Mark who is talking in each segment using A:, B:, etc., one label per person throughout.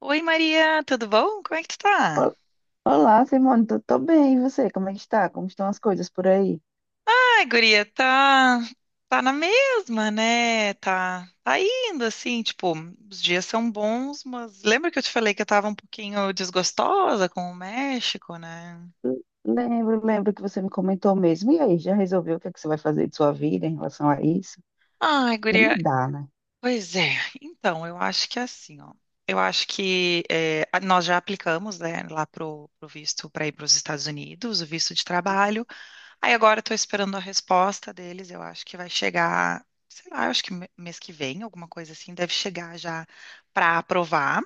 A: Oi Maria, tudo bom? Como é que tu tá?
B: Ol- Olá, Simone, tô bem, e você? Como é que está? Como estão as coisas por aí?
A: Ai, guria, tá na mesma, né? Tá indo assim, tipo, os dias são bons, mas lembra que eu te falei que eu tava um pouquinho desgostosa com o México, né?
B: Lembro, que você me comentou mesmo. E aí, já resolveu o que é que você vai fazer de sua vida em relação a isso?
A: Ai,
B: Porque não
A: guria,
B: dá, né?
A: pois é. Então, eu acho que é assim, ó. Eu acho que nós já aplicamos, né, lá pro visto para ir para os Estados Unidos, o visto de trabalho. Aí agora estou esperando a resposta deles. Eu acho que vai chegar, sei lá, eu acho que mês que vem, alguma coisa assim, deve chegar já para aprovar.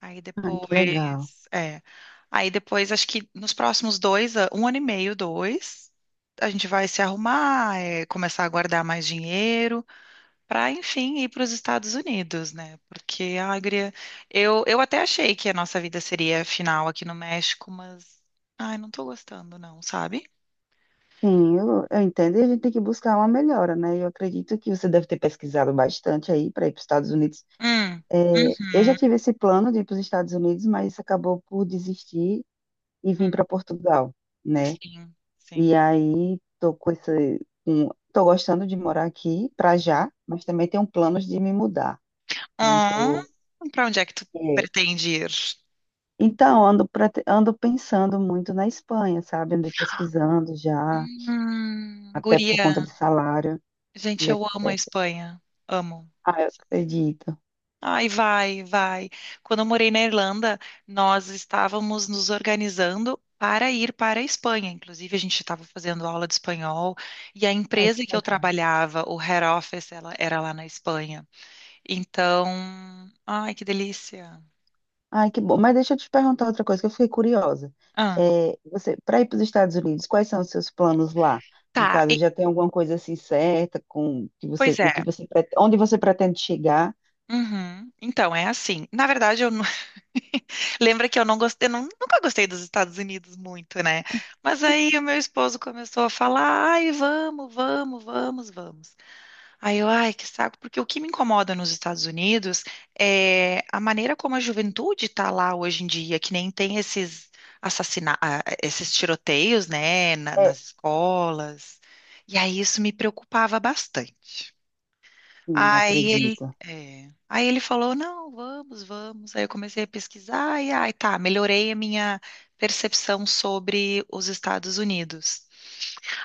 A: Aí
B: Ai, que legal.
A: depois, é, aí depois acho que nos próximos dois, um ano e meio, dois, a gente vai se arrumar, começar a guardar mais dinheiro para, enfim, ir para os Estados Unidos, né? Porque a Agria, eu até achei que a nossa vida seria final aqui no México, mas, ai, não tô gostando, não, sabe?
B: Sim, eu entendo e a gente tem que buscar uma melhora, né? Eu acredito que você deve ter pesquisado bastante aí para ir para os Estados Unidos.
A: Hum,
B: É, eu já
A: uhum,
B: tive esse plano de ir para os Estados Unidos, mas acabou por desistir e vim
A: hum,
B: para Portugal, né?
A: sim, sim.
B: E aí tô com esse, tô gostando de morar aqui para já, mas também tenho planos de me mudar. Não
A: Ah,
B: tô.
A: pra onde é que tu
B: É.
A: pretende ir?
B: Então ando pensando muito na Espanha, sabe? Andei pesquisando já, até por
A: Guria,
B: conta de salário e
A: gente, eu amo a
B: etc.
A: Espanha. Amo.
B: Ah, eu
A: Sério.
B: acredito.
A: Ai, vai, vai. Quando eu morei na Irlanda, nós estávamos nos organizando para ir para a Espanha. Inclusive, a gente estava fazendo aula de espanhol e a
B: Ai,
A: empresa
B: que
A: que eu
B: legal.
A: trabalhava, o head office, ela era lá na Espanha. Então, ai, que delícia.
B: Ai, que bom. Mas deixa eu te perguntar outra coisa que eu fiquei curiosa.
A: Ah.
B: É, você, para ir para os Estados Unidos, quais são os seus planos lá? No
A: Tá,
B: caso, já tem alguma coisa assim certa com que você,
A: pois
B: o
A: é.
B: que você, onde você pretende chegar?
A: Uhum. Então, é assim. Na verdade, eu não... lembra que eu não gostei, eu não- nunca gostei dos Estados Unidos muito, né? Mas aí o meu esposo começou a falar: "Ai, vamos, vamos, vamos, vamos". Aí eu, ai, que saco, porque o que me incomoda nos Estados Unidos é a maneira como a juventude tá lá hoje em dia, que nem tem esses esses tiroteios, né, na-
B: É,
A: nas escolas. E aí isso me preocupava bastante.
B: sim,
A: Aí ele,
B: acredita.
A: é, aí ele falou, não, vamos, vamos. Aí eu comecei a pesquisar e aí tá, melhorei a minha percepção sobre os Estados Unidos.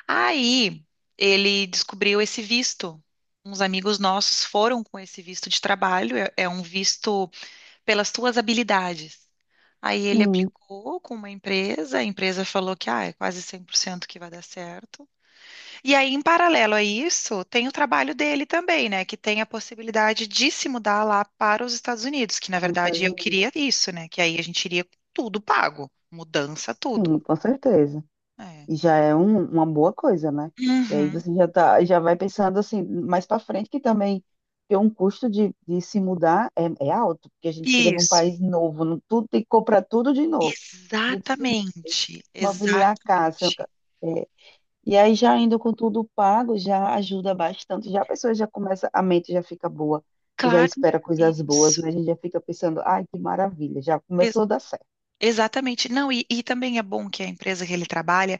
A: Aí ele descobriu esse visto. Uns amigos nossos foram com esse visto de trabalho, é um visto pelas tuas habilidades. Aí ele
B: Sim,
A: aplicou com uma empresa, a empresa falou que é quase 100% que vai dar certo. E aí, em paralelo a isso, tem o trabalho dele também, né? Que tem a possibilidade de se mudar lá para os Estados Unidos, que na
B: tá nos
A: verdade
B: Estados
A: eu
B: Unidos.
A: queria isso, né? Que aí a gente iria com tudo pago, mudança, tudo.
B: Sim, com certeza.
A: É.
B: E já é uma boa coisa, né? E aí
A: Uhum.
B: você já tá, já vai pensando assim, mais para frente, que também ter um custo de se mudar é alto, porque a gente chega num
A: Isso.
B: país novo, não, tudo, tem que comprar tudo de novo. A gente se
A: Exatamente.
B: mobiliar a casa,
A: Exatamente.
B: é, E aí já indo com tudo pago, já ajuda bastante. Já a pessoa já começa, a mente já fica boa, já
A: Claro,
B: espera coisas boas,
A: isso.
B: né? A gente já fica pensando, ai, que maravilha, já
A: Ex-
B: começou a dar certo.
A: exatamente. Não, e, também é bom que a empresa que ele trabalha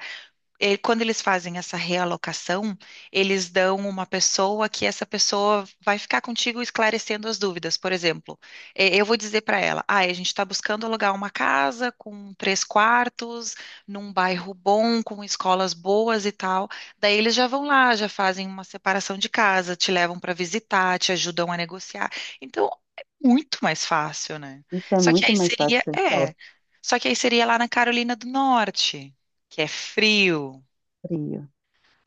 A: eh, quando eles fazem essa realocação, eles dão uma pessoa que essa pessoa vai ficar contigo esclarecendo as dúvidas. Por exemplo, eu vou dizer para ela: ah, a gente está buscando alugar uma casa com três quartos, num bairro bom, com escolas boas e tal. Daí eles já vão lá, já fazem uma separação de casa, te levam para visitar, te ajudam a negociar. Então, é muito mais fácil, né?
B: Então é
A: Só que
B: muito
A: aí
B: mais
A: seria,
B: fácil,
A: é.
B: top,
A: Só que aí seria lá na Carolina do Norte, que é frio.
B: frio.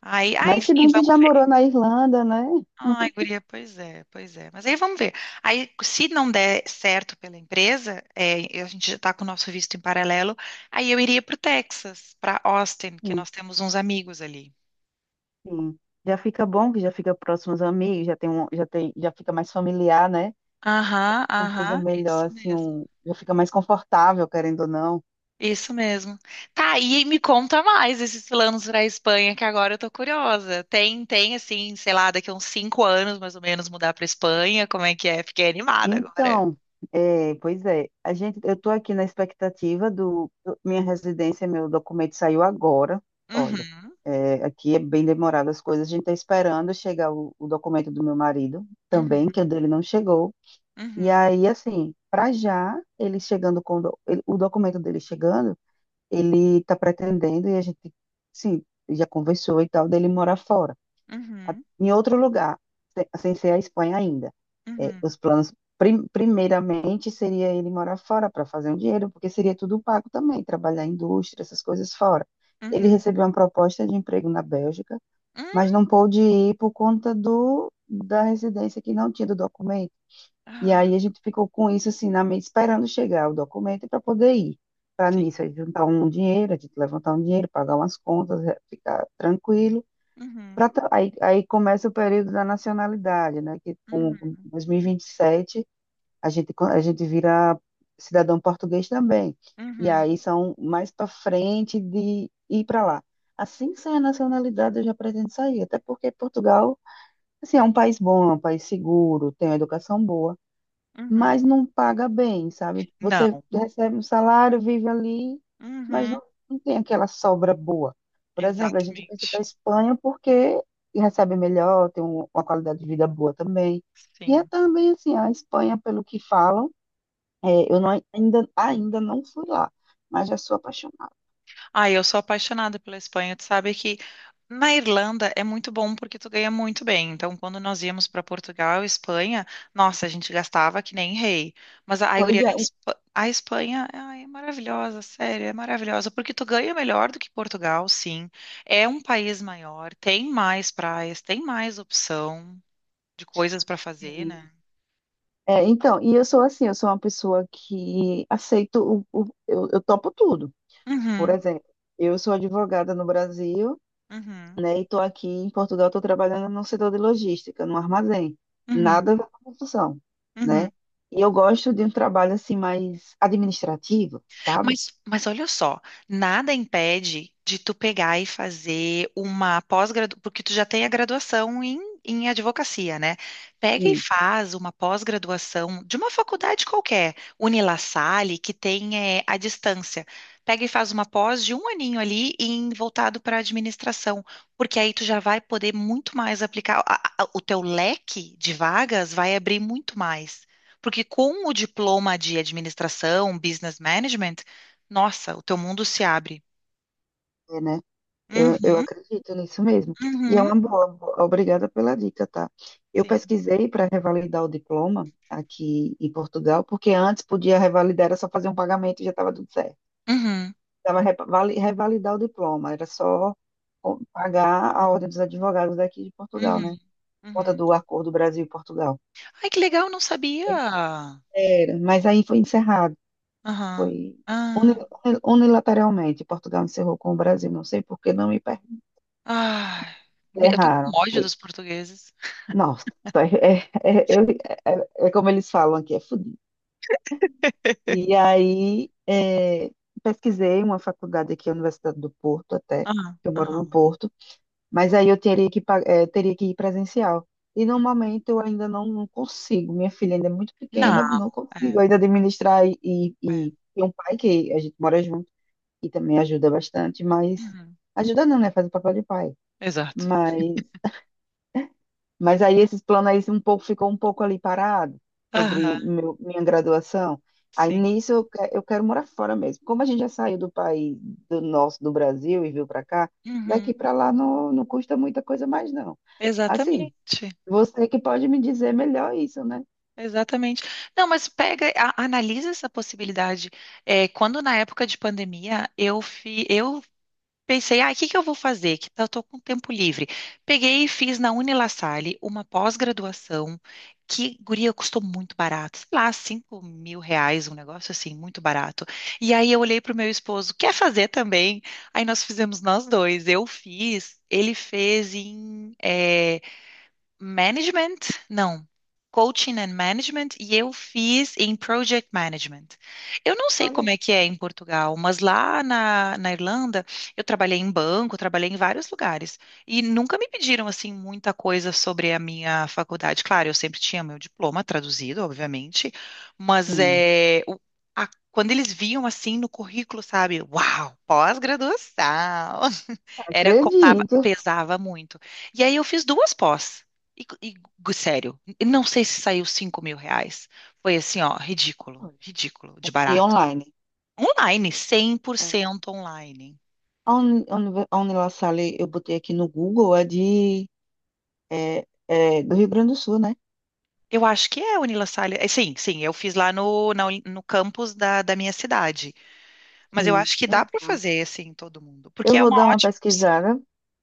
A: Aí,
B: Mas se
A: enfim,
B: bem que já
A: vamos ver.
B: morou na Irlanda, né?
A: Ai, guria, pois é, pois é. Mas aí vamos ver. Aí, se não der certo pela empresa, a gente já está com o nosso visto em paralelo, aí eu iria para o Texas, para Austin, que
B: Sim,
A: nós temos uns amigos ali.
B: sim. Já fica bom, que já fica próximo aos amigos, já tem um, já tem, já fica mais familiar, né?
A: Aham,
B: Uma coisa
A: aham, isso
B: melhor, assim,
A: mesmo.
B: já fica mais confortável, querendo ou não.
A: Isso mesmo. Tá, e me conta mais esses planos para a Espanha, que agora eu tô curiosa. Tem, assim, sei lá, daqui a uns 5 anos, mais ou menos, mudar para Espanha, como é que é? Fiquei animada agora.
B: Então, é, pois é, a gente, eu estou aqui na expectativa minha residência, meu documento saiu agora. Olha,
A: Uhum,
B: é, aqui é bem demorado as coisas. A gente está esperando chegar o documento do meu marido também,
A: uhum,
B: que o dele não chegou. E
A: uhum,
B: aí, assim, para já ele chegando com o documento dele chegando, ele está pretendendo e a gente, sim, já conversou e tal dele morar fora
A: uhum.
B: em outro lugar, sem ser a Espanha ainda. É,
A: Uhum,
B: os planos, primeiramente, seria ele morar fora para fazer um dinheiro, porque seria tudo pago também, trabalhar em indústria, essas coisas fora. Ele
A: uhum,
B: recebeu uma proposta de emprego na Bélgica, mas
A: hum.
B: não pôde ir por conta do, da residência que não tinha do documento. E
A: Ah,
B: aí a gente ficou com isso assim na mente, esperando chegar o documento para poder ir. Para
A: sim.
B: nisso, a gente juntar um dinheiro, a gente levantar um dinheiro, pagar umas contas, ficar tranquilo
A: Uhum,
B: aí começa o período da nacionalidade, né? Que com
A: uhum,
B: com 2027 a gente vira cidadão português também. E
A: uhum,
B: aí são mais para frente de ir para lá. Assim que sair a nacionalidade, eu já pretendo sair, até porque Portugal, assim, é um país bom, é um país seguro, tem uma educação boa
A: uhum.
B: mas não paga bem, sabe? Você
A: Não.
B: recebe um salário, vive ali, mas
A: Uhum,
B: não tem aquela sobra boa. Por exemplo, a gente pensa para a
A: exatamente.
B: Espanha porque recebe melhor, tem uma qualidade de vida boa também. E é
A: Sim.
B: também assim, a Espanha, pelo que falam, é, eu não- ainda não fui lá, mas já sou apaixonada.
A: Ah, eu sou apaixonada pela Espanha. Tu sabe que na Irlanda é muito bom porque tu ganha muito bem. Então, quando nós íamos para Portugal e Espanha, nossa, a gente gastava que nem rei. Mas a
B: Pois
A: guria, a
B: é,
A: Espa- a Espanha, ai, é maravilhosa, sério, é maravilhosa. Porque tu ganha melhor do que Portugal, sim. É um país maior, tem mais praias, tem mais opção. De coisas pra fazer, né.
B: é, então, e eu sou assim, eu sou uma pessoa que aceito, eu topo tudo. Por
A: Uhum,
B: exemplo, eu sou advogada no Brasil,
A: uhum,
B: né? E estou aqui em Portugal, estou trabalhando no setor de logística, no armazém.
A: uhum,
B: Nada a ver com construção,
A: uhum.
B: né? E eu gosto de um trabalho assim mais administrativo, sabe?
A: Mas olha só, nada impede de tu pegar e fazer uma pós-graduação, porque tu já tem a graduação em advocacia, né? Pega e
B: Sim,
A: faz uma pós-graduação de uma faculdade qualquer, Unila Salle, que tem à distância. Pega e faz uma pós de um aninho ali em, voltado para a administração, porque aí tu já vai poder muito mais aplicar, o teu leque de vagas vai abrir muito mais. Porque com o diploma de administração, business management, nossa, o teu mundo se abre.
B: é, né? Eu
A: Uhum,
B: acredito nisso mesmo. E é
A: uhum,
B: uma boa, boa. Obrigada pela dica, tá? Eu
A: sim.
B: pesquisei para revalidar o diploma aqui em Portugal, porque antes podia revalidar, era só fazer um pagamento e já estava tudo certo.
A: Uhum,
B: Precisava revalidar o diploma, era só pagar a ordem dos advogados daqui de Portugal, né?
A: uhum,
B: Conta
A: uhum.
B: do acordo Brasil e Portugal.
A: Ai, que legal, não sabia.
B: Era, mas aí foi encerrado,
A: Aham.
B: foi uni-
A: Ah,
B: unilateralmente. Portugal encerrou com o Brasil, não sei por que não me
A: ah, eu tenho um
B: erraram.
A: ódio
B: Foi.
A: dos portugueses.
B: Nossa, é, é, é, eu- é como eles falam aqui, é fudido. E aí pesquisei uma faculdade aqui, a Universidade do Porto, até,
A: Aham,
B: que eu moro
A: aham.
B: no Porto. Mas aí eu teria que ir presencial. E no momento eu ainda não consigo. Minha filha ainda é muito
A: Não,
B: pequena, não
A: é,
B: consigo ainda administrar e, e,
A: é.
B: e tem um pai que a gente mora junto e também ajuda bastante, mas
A: Uhum,
B: ajuda não, né? Faz o papel de pai.
A: exato.
B: Mas mas aí esses planos aí um pouco, ficou um pouco ali parado
A: Aham,
B: sobre minha graduação. Aí
A: sim.
B: nisso eu quero morar fora mesmo. Como a gente já saiu do país, do nosso, do Brasil e veio para cá,
A: Uhum,
B: daqui para lá não custa muita coisa mais não. Assim,
A: exatamente.
B: você que pode me dizer melhor isso, né?
A: Exatamente. Não, mas pega, analisa essa possibilidade. É, quando na época de pandemia eu pensei, o que que eu vou fazer? Eu tô com tempo livre. Peguei e fiz na Unilassalle uma pós-graduação que, guria, custou muito barato. Sei lá, R$ 5.000, um negócio assim, muito barato. E aí eu olhei pro meu esposo, quer fazer também? Aí nós fizemos nós dois. Eu fiz, ele fez em Management, não. Coaching and Management e eu fiz em Project Management. Eu não sei
B: Olha,
A: como é que é em Portugal, mas lá na Irlanda eu trabalhei em banco, trabalhei em vários lugares e nunca me pediram assim muita coisa sobre a minha faculdade. Claro, eu sempre tinha meu diploma traduzido, obviamente, mas
B: sim,
A: quando eles viam assim no currículo, sabe, uau, pós-graduação, era contava,
B: acredito.
A: pesava muito. E aí eu fiz duas pós. E, e, sério, não sei se saiu R$ 5.000. Foi assim, ó, ridículo, ridículo, de
B: E
A: barato.
B: online.
A: Online, cem por
B: É.
A: cento online.
B: A Unila eu botei aqui no Google, é é do Rio Grande do Sul, né?
A: Eu acho que é Unila Salles. É, sim, sim, eu fiz lá no campus da minha cidade. Mas eu
B: Sim.
A: acho que dá para fazer assim, todo mundo. Porque
B: Eu
A: é
B: vou
A: uma
B: dar uma
A: ótima opção.
B: pesquisada,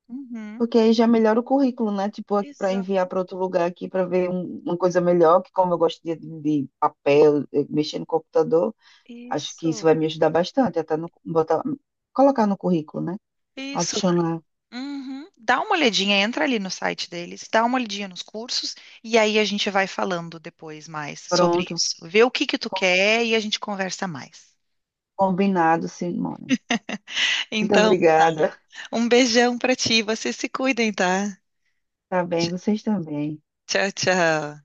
A: Uhum,
B: porque aí já melhora o currículo, né? Tipo, para
A: exato.
B: enviar para outro lugar aqui para ver uma coisa melhor, que como eu gosto de papel, mexer no computador, acho que isso
A: Isso.
B: vai me ajudar bastante, até no, botar, colocar no currículo, né?
A: Isso.
B: Adicionar.
A: Uhum. Dá uma olhadinha, entra ali no site deles, dá uma olhadinha nos cursos e aí a gente vai falando depois mais sobre
B: Pronto.
A: isso. Vê o que que tu
B: Com-
A: quer e a gente conversa mais.
B: Combinado, Simone. Muito
A: Então, tá.
B: obrigada.
A: Um beijão pra ti, vocês se cuidem, tá?
B: Tá bem,
A: Tch-
B: vocês também.
A: Tchau, tchau.